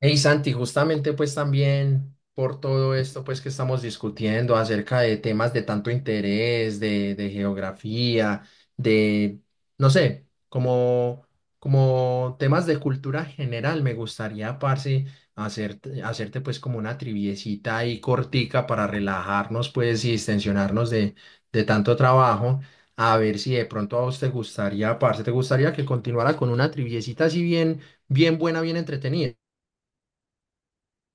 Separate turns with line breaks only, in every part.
Hey Santi, justamente pues también por todo esto pues que estamos discutiendo acerca de temas de tanto interés, de geografía, de, no sé, como, como temas de cultura general, me gustaría, parce, hacerte pues como una triviecita ahí cortica para relajarnos pues y distensionarnos de tanto trabajo. A ver si de pronto a vos te gustaría, parce, te gustaría que continuara con una triviecita así bien, bien buena, bien entretenida.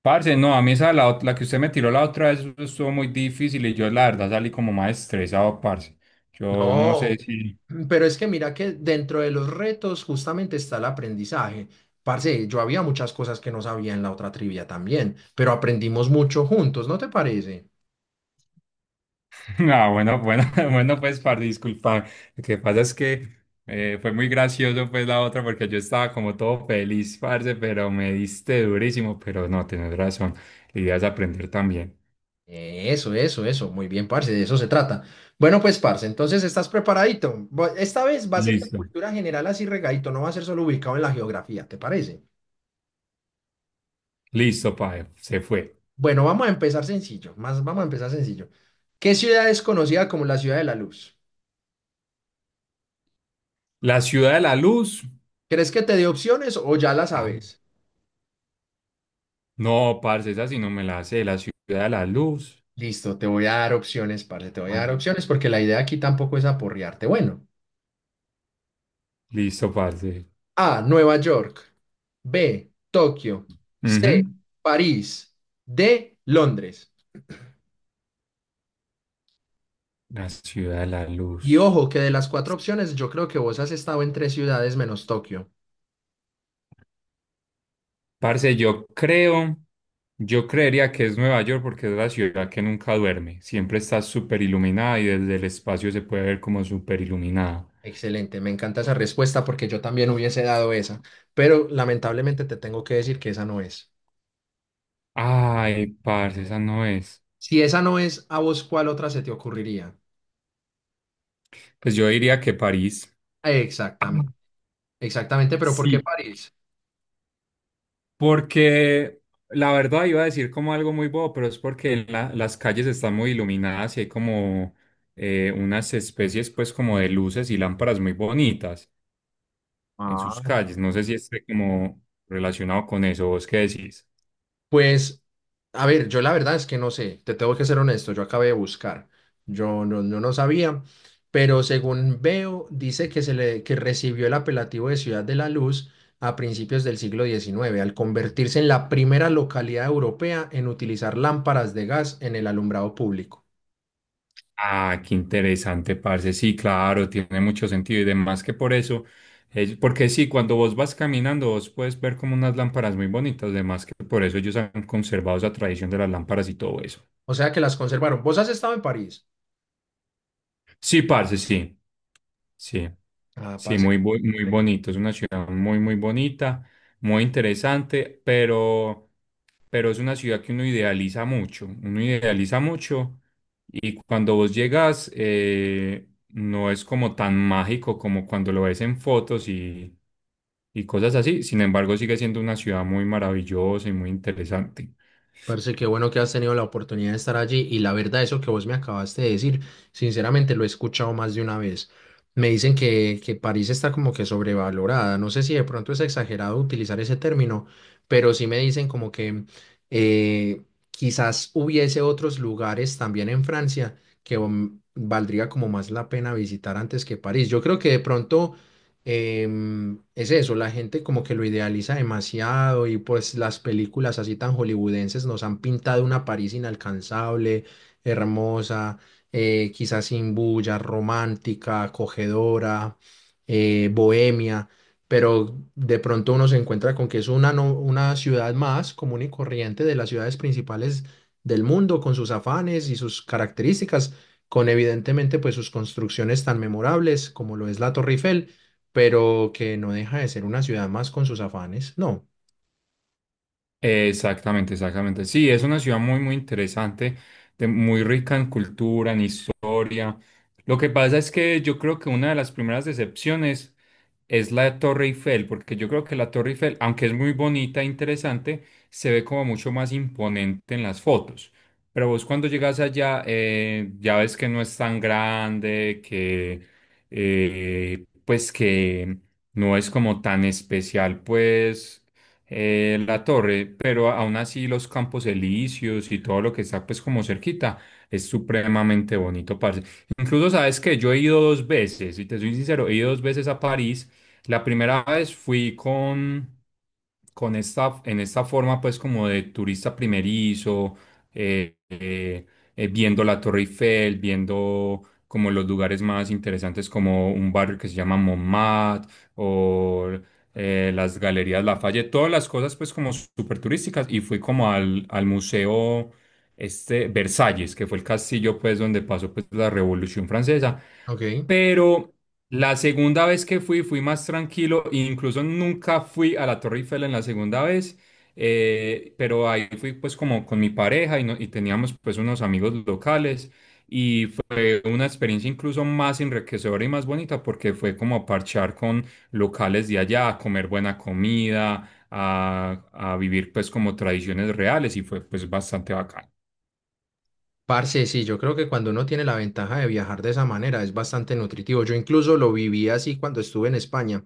Parce, no, a mí esa, la, la que usted me tiró la otra vez eso estuvo muy difícil y yo la verdad salí como más estresado, parce. Yo no sé
No,
si...
pero es que mira que dentro de los retos justamente está el aprendizaje. Parce, yo había muchas cosas que no sabía en la otra trivia también, pero aprendimos mucho juntos, ¿no te parece?
Ah, bueno, bueno, bueno, pues, parce, disculpa. Lo que pasa es que fue muy gracioso, pues, la otra, porque yo estaba como todo feliz, parce, pero me diste durísimo, pero no, tienes razón. La idea es aprender también.
Eso, eso, eso. Muy bien, parce, de eso se trata. Bueno, pues, parce, entonces estás preparadito. Esta vez va a ser de
Listo.
cultura general así regadito, no va a ser solo ubicado en la geografía, ¿te parece?
Listo, padre, se fue.
Bueno, vamos a empezar sencillo, más vamos a empezar sencillo. ¿Qué ciudad es conocida como la ciudad de la luz?
La ciudad de la luz.
¿Crees que te dé opciones o ya la
Ah,
sabes?
no, parce, esa sí no me la sé. La ciudad de la luz.
Listo, te voy a dar opciones, parce, te voy a
Bueno,
dar opciones porque la idea aquí tampoco es aporrearte. Bueno,
listo, parce.
A, Nueva York; B, Tokio; C,
Ujú.
París; D, Londres.
La ciudad de la
Y
luz.
ojo, que de las cuatro opciones yo creo que vos has estado en tres ciudades menos Tokio.
Parce, yo creo, yo creería que es Nueva York porque es la ciudad que nunca duerme. Siempre está súper iluminada y desde el espacio se puede ver como súper iluminada.
Excelente, me encanta esa respuesta porque yo también hubiese dado esa, pero lamentablemente te tengo que decir que esa no es.
Ay, parce, esa no es.
Si esa no es, ¿a vos cuál otra se te ocurriría?
Pues yo diría que París. Ah,
Exactamente, exactamente, pero ¿por qué
sí,
París?
porque la verdad iba a decir como algo muy bobo, pero es porque las calles están muy iluminadas y hay como unas especies pues como de luces y lámparas muy bonitas en sus
Ah.
calles. No sé si esté como relacionado con eso. ¿Vos qué decís?
Pues, a ver, yo la verdad es que no sé, te tengo que ser honesto, yo acabé de buscar, yo no sabía, pero según veo, dice que recibió el apelativo de Ciudad de la Luz a principios del siglo XIX, al convertirse en la primera localidad europea en utilizar lámparas de gas en el alumbrado público.
Ah, qué interesante, parce. Sí, claro, tiene mucho sentido y demás que por eso porque sí, cuando vos vas caminando, vos puedes ver como unas lámparas muy bonitas, además que por eso ellos han conservado esa tradición de las lámparas y todo eso.
O sea que las conservaron. ¿Vos has estado en París?
Sí, parce, sí, sí.
Ah,
Sí,
parce.
muy, muy bonito. Es una ciudad muy, muy bonita, muy interesante, pero es una ciudad que uno idealiza mucho. Uno idealiza mucho. Y cuando vos llegas, no es como tan mágico como cuando lo ves en fotos y cosas así. Sin embargo, sigue siendo una ciudad muy maravillosa y muy interesante.
Parce, qué bueno que has tenido la oportunidad de estar allí y la verdad, eso que vos me acabaste de decir, sinceramente lo he escuchado más de una vez. Me dicen que París está como que sobrevalorada. No sé si de pronto es exagerado utilizar ese término, pero sí me dicen como que eh, quizás hubiese otros lugares también en Francia que valdría como más la pena visitar antes que París. Yo creo que de pronto es eso, la gente como que lo idealiza demasiado y pues las películas así tan hollywoodenses nos han pintado una París inalcanzable, hermosa, quizás sin bulla, romántica, acogedora, bohemia, pero de pronto uno se encuentra con que es una, una ciudad más común y corriente de las ciudades principales del mundo, con sus afanes y sus características, con evidentemente pues sus construcciones tan memorables como lo es la Torre Eiffel, pero que no deja de ser una ciudad más con sus afanes, ¿no?
Exactamente, exactamente. Sí, es una ciudad muy, muy interesante, muy rica en cultura, en historia. Lo que pasa es que yo creo que una de las primeras decepciones es la Torre Eiffel, porque yo creo que la Torre Eiffel, aunque es muy bonita e interesante, se ve como mucho más imponente en las fotos. Pero vos cuando llegas allá, ya ves que no es tan grande, que pues que no es como tan especial, pues la torre, pero aún así los campos elíseos y todo lo que está pues como cerquita es supremamente bonito, parce. Incluso sabes que yo he ido dos veces, y te soy sincero, he ido dos veces a París. La primera vez fui con esta, en esta forma pues como de turista primerizo, eh, eh, viendo la Torre Eiffel, viendo como los lugares más interesantes como un barrio que se llama Montmartre o las galerías Lafayette, todas las cosas pues como súper turísticas y fui como al, al museo este Versalles, que fue el castillo pues donde pasó pues la Revolución Francesa.
Ok.
Pero la segunda vez que fui, fui más tranquilo, e incluso nunca fui a la Torre Eiffel en la segunda vez, pero ahí fui pues como con mi pareja y, y teníamos pues unos amigos locales y fue una experiencia incluso más enriquecedora y más bonita porque fue como a parchar con locales de allá, a comer buena comida, a vivir pues como tradiciones reales y fue pues bastante bacán.
Parce, sí, yo creo que cuando uno tiene la ventaja de viajar de esa manera es bastante nutritivo. Yo incluso lo viví así cuando estuve en España.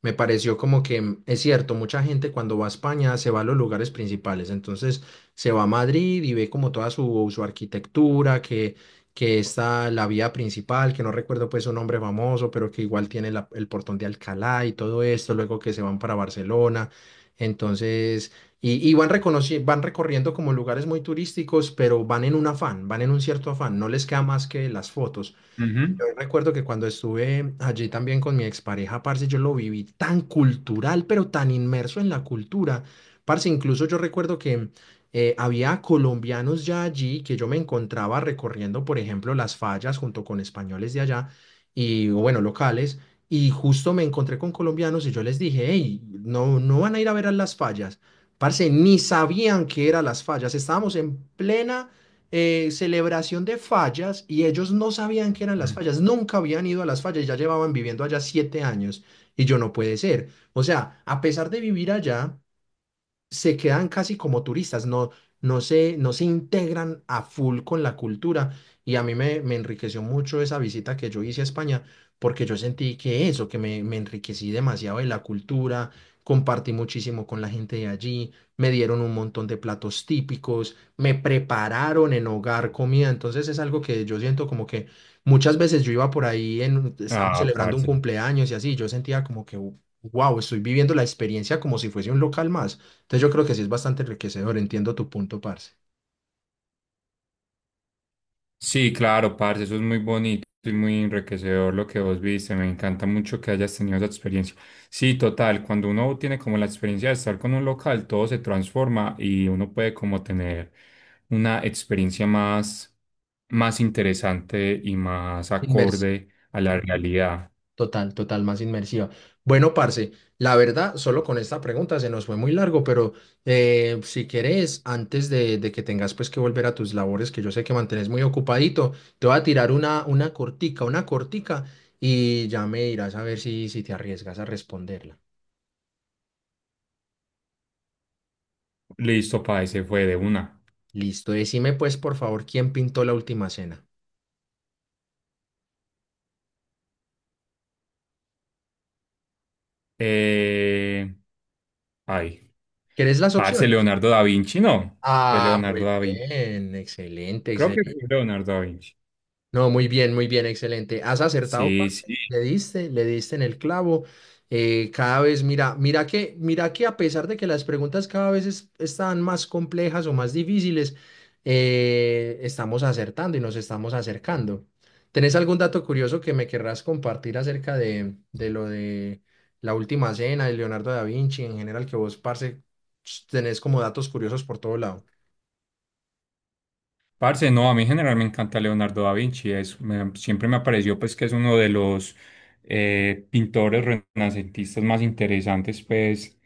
Me pareció como que es cierto, mucha gente cuando va a España se va a los lugares principales, entonces se va a Madrid y ve como toda su arquitectura, que está la vía principal, que no recuerdo pues su nombre famoso, pero que igual tiene el portón de Alcalá y todo esto, luego que se van para Barcelona, entonces, y van van recorriendo como lugares muy turísticos, pero van en un afán, van en un cierto afán, no les queda más que las fotos.
Ujú.
Recuerdo que cuando estuve allí también con mi expareja, parce, yo lo viví tan cultural, pero tan inmerso en la cultura. Parce, incluso yo recuerdo que había colombianos ya allí, que yo me encontraba recorriendo, por ejemplo, las fallas junto con españoles de allá y, o bueno, locales. Y justo me encontré con colombianos y yo les dije, hey, no, no van a ir a ver a las fallas. Parce, ni sabían qué eran las fallas. Estábamos en plena celebración de fallas y ellos no sabían qué eran las
Ujú.
fallas, nunca habían ido a las fallas, ya llevaban viviendo allá siete años y yo no puede ser. O sea, a pesar de vivir allá, se quedan casi como turistas, no, no se integran a full con la cultura. Y a mí me enriqueció mucho esa visita que yo hice a España, porque yo sentí que eso, me enriquecí demasiado de la cultura, compartí muchísimo con la gente de allí, me dieron un montón de platos típicos, me prepararon en hogar comida. Entonces es algo que yo siento como que muchas veces yo iba por ahí, en, estábamos
Ah,
celebrando un
parce.
cumpleaños y así, yo sentía como que, wow, estoy viviendo la experiencia como si fuese un local más. Entonces yo creo que sí es bastante enriquecedor, entiendo tu punto, parce.
Sí, claro, parce, eso es muy bonito y muy enriquecedor lo que vos viste. Me encanta mucho que hayas tenido esa experiencia. Sí, total, cuando uno tiene como la experiencia de estar con un local, todo se transforma y uno puede como tener una experiencia más, más interesante y más
Inmersiva.
acorde a la realidad.
Total, total, más inmersiva. Bueno, parce, la verdad, solo con esta pregunta se nos fue muy largo, pero si quieres antes de que tengas pues que volver a tus labores, que yo sé que mantenés muy ocupadito, te voy a tirar una cortica, y ya me dirás a ver si te arriesgas a responderla.
Listo, parce, se fue de una.
Listo, decime pues por favor quién pintó la última cena.
Eh, ay,
¿Querés las
parce,
opciones?
Leonardo da Vinci, no, fue
Ah,
Leonardo
muy
da Vinci.
bien, excelente,
Creo que
excelente.
fue Leonardo da Vinci.
No, muy bien, excelente. Has acertado,
Sí,
parce.
sí.
Le diste en el clavo. Cada vez, mira, mira que a pesar de que las preguntas cada vez están más complejas o más difíciles, estamos acertando y nos estamos acercando. ¿Tenés algún dato curioso que me querrás compartir acerca de lo de la última cena de Leonardo da Vinci en general que vos, parce, tenés como datos curiosos por todo lado?
Parce, no, a mí en general me encanta Leonardo da Vinci, es, siempre me pareció pues que es uno de los pintores renacentistas más interesantes pues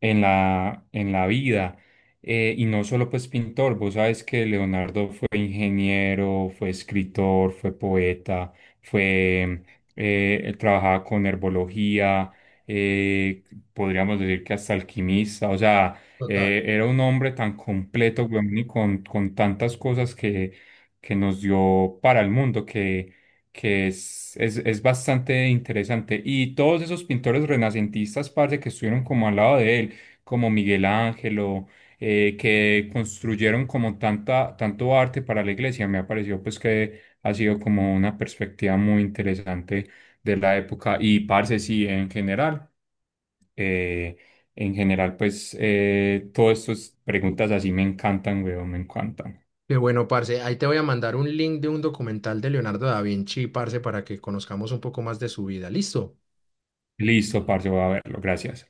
en la vida. Y no solo pues pintor, vos sabes que Leonardo fue ingeniero, fue escritor, fue poeta, fue, él trabajaba con herbología, eh, podríamos decir que hasta alquimista, o sea...
Total.
Era un hombre tan completo, weón, y con tantas cosas que nos dio para el mundo, que es bastante interesante. Y todos esos pintores renacentistas, parce, que estuvieron como al lado de él, como Miguel Ángelo, que construyeron como tanta, tanto arte para la iglesia, me ha parecido pues que ha sido como una perspectiva muy interesante de la época. Y parce, sí, en general. Eh, en general, pues, todas estas preguntas así me encantan, weón, me encantan.
Qué bueno, parce. Ahí te voy a mandar un link de un documental de Leonardo da Vinci, parce, para que conozcamos un poco más de su vida. ¿Listo?
Listo, parce, voy a verlo. Gracias.